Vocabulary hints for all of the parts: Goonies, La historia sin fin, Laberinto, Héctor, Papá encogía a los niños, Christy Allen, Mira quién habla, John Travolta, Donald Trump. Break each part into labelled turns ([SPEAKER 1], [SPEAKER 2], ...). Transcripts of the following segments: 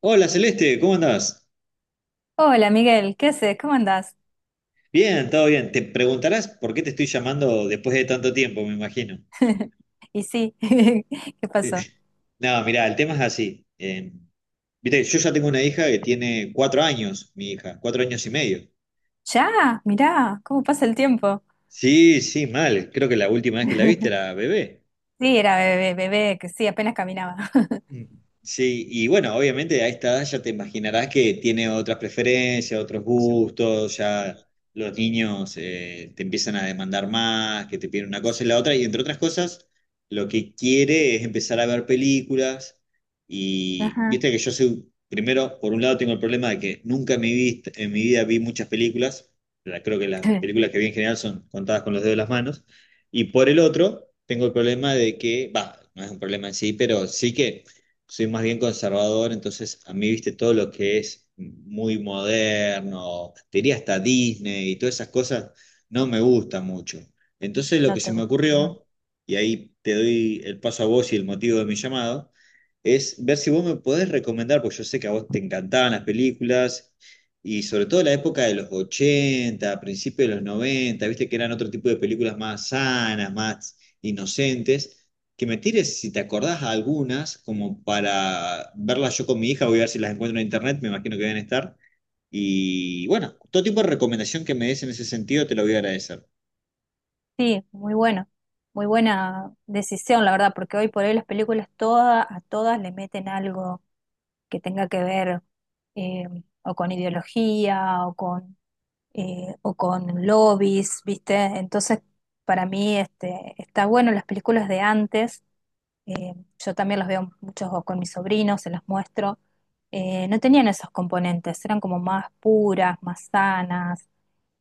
[SPEAKER 1] Hola, Celeste, ¿cómo andás?
[SPEAKER 2] Hola Miguel, ¿qué haces? ¿Cómo andás?
[SPEAKER 1] Bien, todo bien. Te preguntarás por qué te estoy llamando después de tanto tiempo, me imagino.
[SPEAKER 2] Y sí, ¿qué
[SPEAKER 1] Eh,
[SPEAKER 2] pasó?
[SPEAKER 1] No, mirá, el tema es así. Viste, yo ya tengo una hija que tiene 4 años, mi hija, 4 años y medio.
[SPEAKER 2] Ya, mirá, ¿cómo pasa el tiempo?
[SPEAKER 1] Sí, sí, mal. Creo que la última vez que la viste era bebé.
[SPEAKER 2] Sí, era bebé, bebé, que sí, apenas caminaba.
[SPEAKER 1] Mm, Sí, y bueno, obviamente a esta edad ya te imaginarás que tiene otras preferencias, otros gustos, ya los niños te empiezan a demandar más, que te piden una cosa y la otra, y entre otras cosas, lo que quiere es empezar a ver películas, y
[SPEAKER 2] Ajá.
[SPEAKER 1] viste que yo soy, primero, por un lado tengo el problema de que nunca en mi, en mi vida vi muchas películas, creo que las películas que vi en general son contadas con los dedos de las manos, y por el otro, tengo el problema de que, va, no es un problema en sí, pero sí que soy más bien conservador, entonces a mí, viste, todo lo que es muy moderno, te diría hasta Disney y todas esas cosas, no me gusta mucho. Entonces lo
[SPEAKER 2] No
[SPEAKER 1] que
[SPEAKER 2] te
[SPEAKER 1] se me
[SPEAKER 2] gusta.
[SPEAKER 1] ocurrió, y ahí te doy el paso a vos y el motivo de mi llamado, es ver si vos me podés recomendar, porque yo sé que a vos te encantaban las películas, y sobre todo la época de los 80 principios de los 90 viste que eran otro tipo de películas más sanas, más inocentes, que me tires, si te acordás, algunas, como para verlas yo con mi hija. Voy a ver si las encuentro en internet, me imagino que deben estar. Y bueno, todo tipo de recomendación que me des en ese sentido te lo voy a agradecer.
[SPEAKER 2] Sí, muy bueno, muy buena decisión, la verdad, porque hoy por hoy las películas todas, a todas le meten algo que tenga que ver eh, o con ideología o o con lobbies, ¿viste? Entonces, para mí este, está bueno las películas de antes. Yo también los veo muchos o con mis sobrinos, se los muestro. No tenían esos componentes, eran como más puras, más sanas,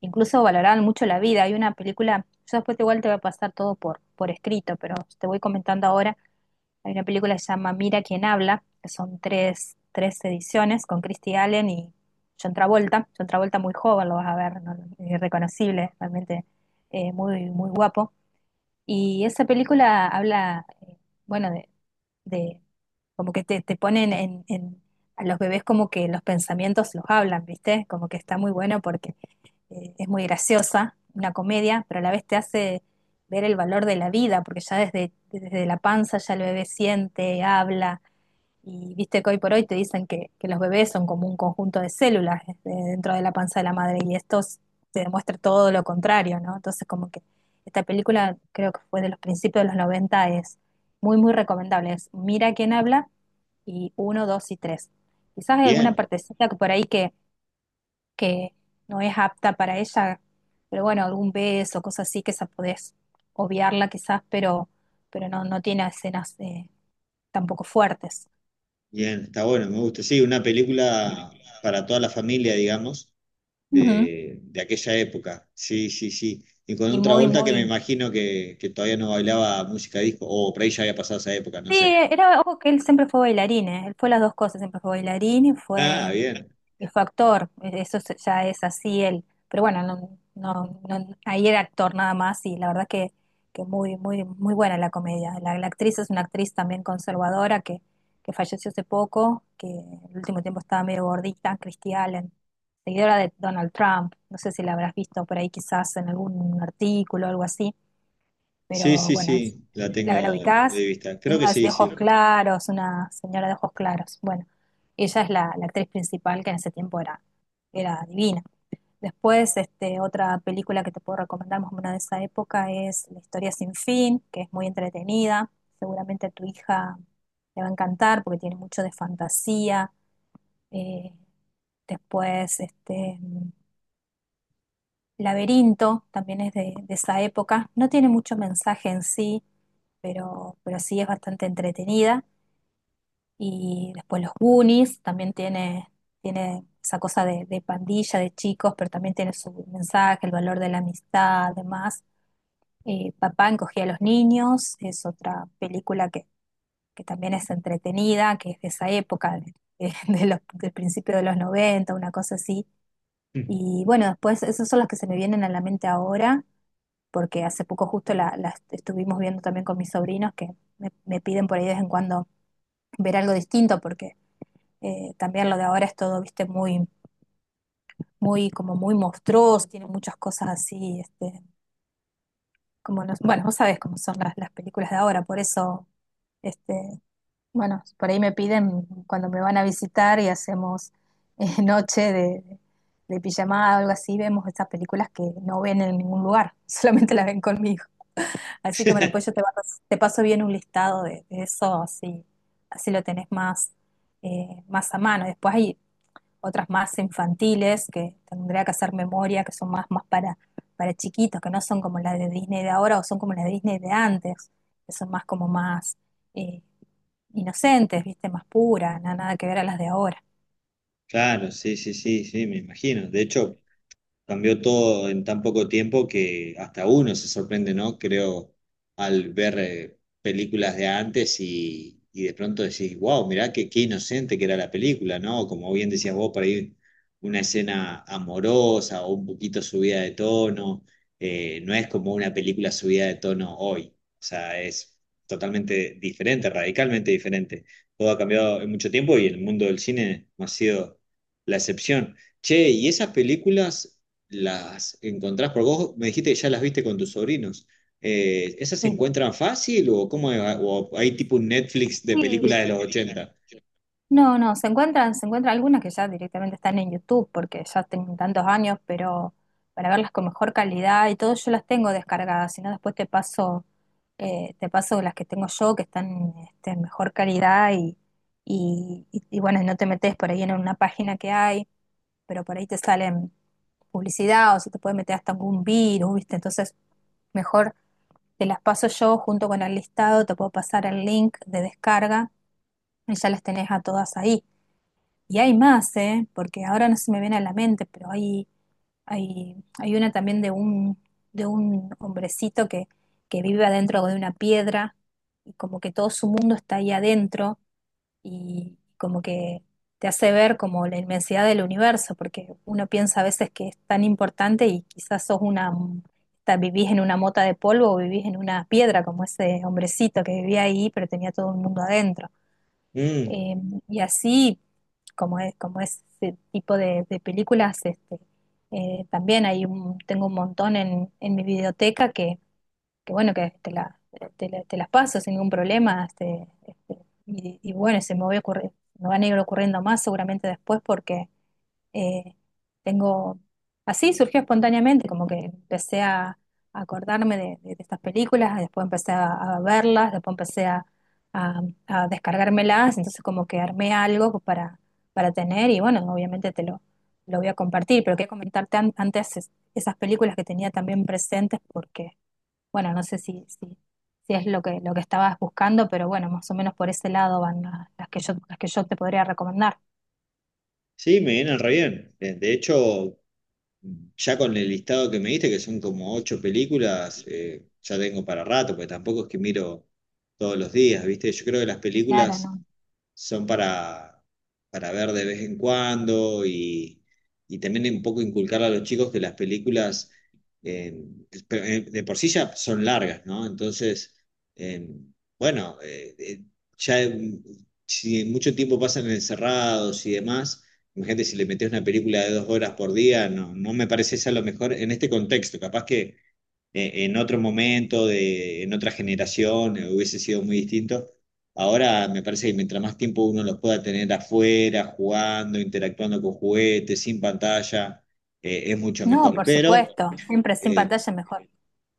[SPEAKER 2] incluso valoraban mucho la vida. Hay una película, yo después igual te voy a pasar todo por escrito, pero te voy comentando ahora. Hay una película que se llama Mira quién habla, que son tres ediciones con Christy Allen y John Travolta. John Travolta muy joven, lo vas a ver, ¿no? Irreconocible, realmente muy, muy guapo. Y esa película habla, bueno, de- como que te ponen a los bebés como que los pensamientos los hablan, ¿viste? Como que está muy bueno porque es muy graciosa, una comedia, pero a la vez te hace ver el valor de la vida, porque ya desde la panza ya el bebé siente, habla, y viste que hoy por hoy te dicen que los bebés son como un conjunto de células dentro de la panza de la madre y se demuestra todo lo contrario, ¿no? Entonces como que esta película creo que fue de los principios de los 90, es muy, muy recomendable. Es Mira quién habla y uno, dos y tres. Quizás hay alguna
[SPEAKER 1] Bien,
[SPEAKER 2] partecita que por ahí que no es apta para ella, pero bueno, algún beso, cosas así que esa podés obviarla quizás, pero no, no tiene escenas tampoco fuertes.
[SPEAKER 1] bien, está bueno, me gusta. Sí, una película para toda la familia, digamos,
[SPEAKER 2] Ujú.
[SPEAKER 1] de aquella época. Sí, sí, sí. Y con
[SPEAKER 2] Y
[SPEAKER 1] un
[SPEAKER 2] muy,
[SPEAKER 1] Travolta que me
[SPEAKER 2] muy...
[SPEAKER 1] imagino que todavía no bailaba música disco, o por ahí ya había pasado esa época, no
[SPEAKER 2] Sí,
[SPEAKER 1] sé.
[SPEAKER 2] era, ojo que él siempre fue bailarín, ¿eh? Él fue las dos cosas, siempre fue bailarín
[SPEAKER 1] Ah, bien.
[SPEAKER 2] y fue actor, ya es así él. Pero bueno, ahí era actor nada más y la verdad que muy, muy, muy buena la comedia. La actriz es una actriz también conservadora que falleció hace poco, que en el último tiempo estaba medio gordita, Christy Allen, seguidora de Donald Trump, no sé si la habrás visto por ahí quizás en algún artículo o algo así.
[SPEAKER 1] Sí,
[SPEAKER 2] Pero
[SPEAKER 1] sí,
[SPEAKER 2] bueno, es,
[SPEAKER 1] sí, la
[SPEAKER 2] la
[SPEAKER 1] tengo
[SPEAKER 2] ubicás,
[SPEAKER 1] de vista.
[SPEAKER 2] es
[SPEAKER 1] Creo que
[SPEAKER 2] una
[SPEAKER 1] sí,
[SPEAKER 2] de ojos
[SPEAKER 1] sí.
[SPEAKER 2] claros, una señora de ojos claros. Bueno, ella es la actriz principal que en ese tiempo era, era divina. Después, este, otra película que te puedo recomendar, más o menos de esa época, es La historia sin fin, que es muy entretenida. Seguramente a tu hija le va a encantar porque tiene mucho de fantasía. Eh, después, este, Laberinto también es de esa época. No tiene mucho mensaje en sí, pero sí es bastante entretenida. Y después los Goonies también tiene, tiene esa cosa de pandilla, de chicos, pero también tiene su mensaje, el valor de la amistad, demás. Papá encogía a los niños, es otra película que también es entretenida, que es de esa época, del principio de los 90, una cosa así. Y bueno, después esos son los que se me vienen a la mente ahora porque hace poco justo la estuvimos viendo también con mis sobrinos que me piden por ahí de vez en cuando ver algo distinto, porque también lo de ahora es todo, viste, muy, muy, como muy monstruoso, tiene muchas cosas así, este, como los, bueno, vos sabés cómo son las películas de ahora, por eso, este, bueno, por ahí me piden cuando me van a visitar y hacemos noche de pijamada o algo así, vemos estas películas que no ven en ningún lugar, solamente las ven conmigo. Así que bueno, pues yo paso te paso bien un listado de eso, así, así lo tenés más, más a mano. Después hay otras más infantiles que tendría que hacer memoria, que son más, más para chiquitos, que no son como las de Disney de ahora o son como las de Disney de antes, que son más como más eh, inocentes, viste, más puras, nada, nada que ver a las de ahora.
[SPEAKER 1] Claro, sí, sí, sí, sí, me imagino. De hecho, cambió todo en tan poco tiempo que hasta uno se sorprende, ¿no? Creo, al ver películas de antes y de pronto decís, wow, mirá qué, qué inocente que era la película, ¿no? Como bien decías vos, por ahí una escena amorosa o un poquito subida de tono, no es como una película subida de tono hoy, o sea, es totalmente diferente, radicalmente diferente. Todo ha cambiado en mucho tiempo y el mundo del cine no ha sido la excepción. Che, ¿y esas películas las encontrás? Porque vos me dijiste que ya las viste con tus sobrinos. ¿Esas se
[SPEAKER 2] Sí.
[SPEAKER 1] encuentran fácil o cómo es? ¿O hay tipo un Netflix de películas de los ochenta?
[SPEAKER 2] No, no, se encuentran algunas que ya directamente están en YouTube porque ya tienen tantos años, pero para verlas con mejor calidad y todo yo las tengo descargadas, si no después te paso las que tengo yo que están este, en mejor calidad y bueno, no te metes por ahí en una página que hay, pero por ahí te salen publicidad o se te puede meter hasta algún virus, ¿viste? Entonces mejor te las paso yo junto con el listado, te puedo pasar el link de descarga y ya las tenés a todas ahí. Y hay más, ¿eh? Porque ahora no se me viene a la mente, pero hay, hay una también de un hombrecito que vive adentro de una piedra y como que todo su mundo está ahí adentro y como que te hace ver como la inmensidad del universo, porque uno piensa a veces que es tan importante y quizás sos una, vivís en una mota de polvo o vivís en una piedra como ese hombrecito que vivía ahí, pero tenía todo el mundo adentro.
[SPEAKER 1] Mm,
[SPEAKER 2] Eh, y así, como es, como ese tipo de películas, este, también hay un, tengo un montón en mi biblioteca que bueno, que te las paso sin ningún problema. Este, y bueno, se me voy a ocurrir, me van a ir ocurriendo más seguramente después porque eh, tengo, así surgió espontáneamente, como que empecé a acordarme de estas películas, después empecé a verlas, después empecé a- a descargármelas, entonces como que armé algo pues para tener y bueno, obviamente te lo voy a compartir, pero quería comentarte antes esas películas que tenía también presentes porque, bueno, no sé si es lo lo que estabas buscando, pero bueno, más o menos por ese lado van las que yo, las que yo te podría recomendar.
[SPEAKER 1] sí, me vienen re bien. De hecho, ya con el listado que me diste, que son como ocho películas, ya tengo para rato, porque tampoco es que miro todos los días, ¿viste? Yo creo que las
[SPEAKER 2] Claro,
[SPEAKER 1] películas
[SPEAKER 2] no.
[SPEAKER 1] son para ver de vez en cuando y también un poco inculcar a los chicos que las películas eh, de por sí ya son largas, ¿no? Entonces, eh, bueno, eh, eh, ya eh, si mucho tiempo pasan encerrados y demás. Imagínate si le metes una película de 2 horas por día, no, no me parece esa lo mejor en este contexto. Capaz que en otro momento, de, en otra generación, hubiese sido muy distinto. Ahora me parece que mientras más tiempo uno los pueda tener afuera, jugando, interactuando con juguetes, sin pantalla, es mucho
[SPEAKER 2] No,
[SPEAKER 1] mejor.
[SPEAKER 2] por
[SPEAKER 1] Pero
[SPEAKER 2] supuesto, siempre sin
[SPEAKER 1] eh,
[SPEAKER 2] pantalla mejor.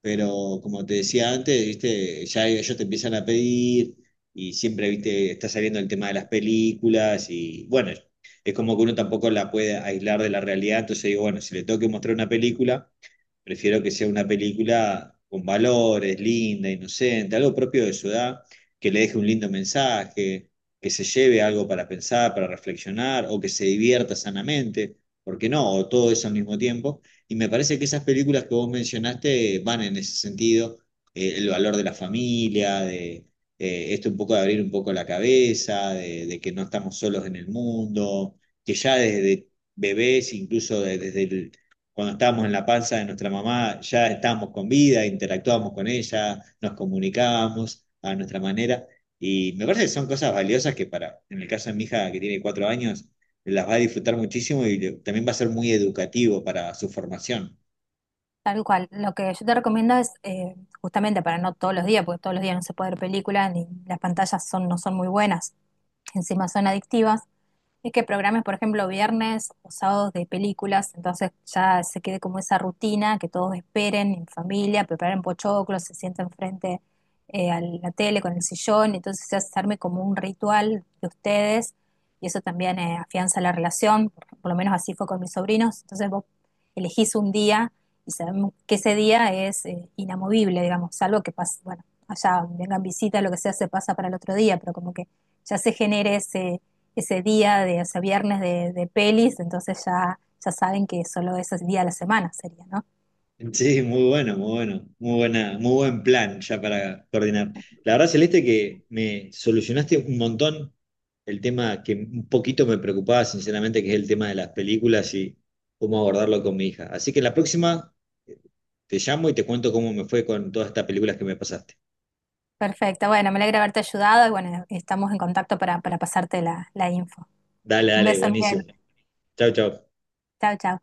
[SPEAKER 1] como te decía antes, viste, ya ellos te empiezan a pedir y siempre, viste, está saliendo el tema de las películas y bueno, es como que uno tampoco la puede aislar de la realidad, entonces digo, bueno, si le tengo que mostrar una película, prefiero que sea una película con valores, linda, inocente, algo propio de su edad, que le deje un lindo mensaje, que se lleve algo para pensar, para reflexionar, o que se divierta sanamente, porque no, o todo eso al mismo tiempo. Y me parece que esas películas que vos mencionaste van en ese sentido, el valor de la familia, de esto un poco de abrir un poco la cabeza, de que no estamos solos en el mundo, que ya desde bebés, incluso desde el, cuando estábamos en la panza de nuestra mamá, ya estábamos con vida, interactuábamos con ella, nos comunicábamos a nuestra manera. Y me parece que son cosas valiosas que para, en el caso de mi hija que tiene 4 años, las va a disfrutar muchísimo y también va a ser muy educativo para su formación.
[SPEAKER 2] Tal cual. Lo que yo te recomiendo es, justamente para no todos los días, porque todos los días no se puede ver películas, ni las pantallas son, no son muy buenas, encima son adictivas. Es que programes, por ejemplo, viernes o sábados de películas, entonces ya se quede como esa rutina que todos esperen en familia, preparen pochoclos, se sienten frente a la tele con el sillón, entonces se arme como un ritual de ustedes y eso también afianza la relación, por lo menos así fue con mis sobrinos, entonces vos elegís un día y sabemos que ese día es inamovible, digamos, salvo que pase, bueno, allá vengan visitas, lo que sea, se pasa para el otro día, pero como que ya se genere ese día de ese viernes de pelis, entonces ya, ya saben que solo ese día de la semana sería, ¿no?
[SPEAKER 1] Sí, muy bueno, muy bueno, muy buena, muy buen plan ya para coordinar. La verdad, Celeste, que me solucionaste un montón el tema que un poquito me preocupaba, sinceramente, que es el tema de las películas y cómo abordarlo con mi hija. Así que la próxima eh, te llamo y te cuento cómo me fue con todas estas películas que me pasaste.
[SPEAKER 2] Perfecto, bueno, me alegra haberte ayudado y bueno, estamos en contacto para pasarte la info.
[SPEAKER 1] Dale,
[SPEAKER 2] Un
[SPEAKER 1] dale,
[SPEAKER 2] beso,
[SPEAKER 1] buenísimo.
[SPEAKER 2] Miguel.
[SPEAKER 1] Chau, chau.
[SPEAKER 2] Chao, chao.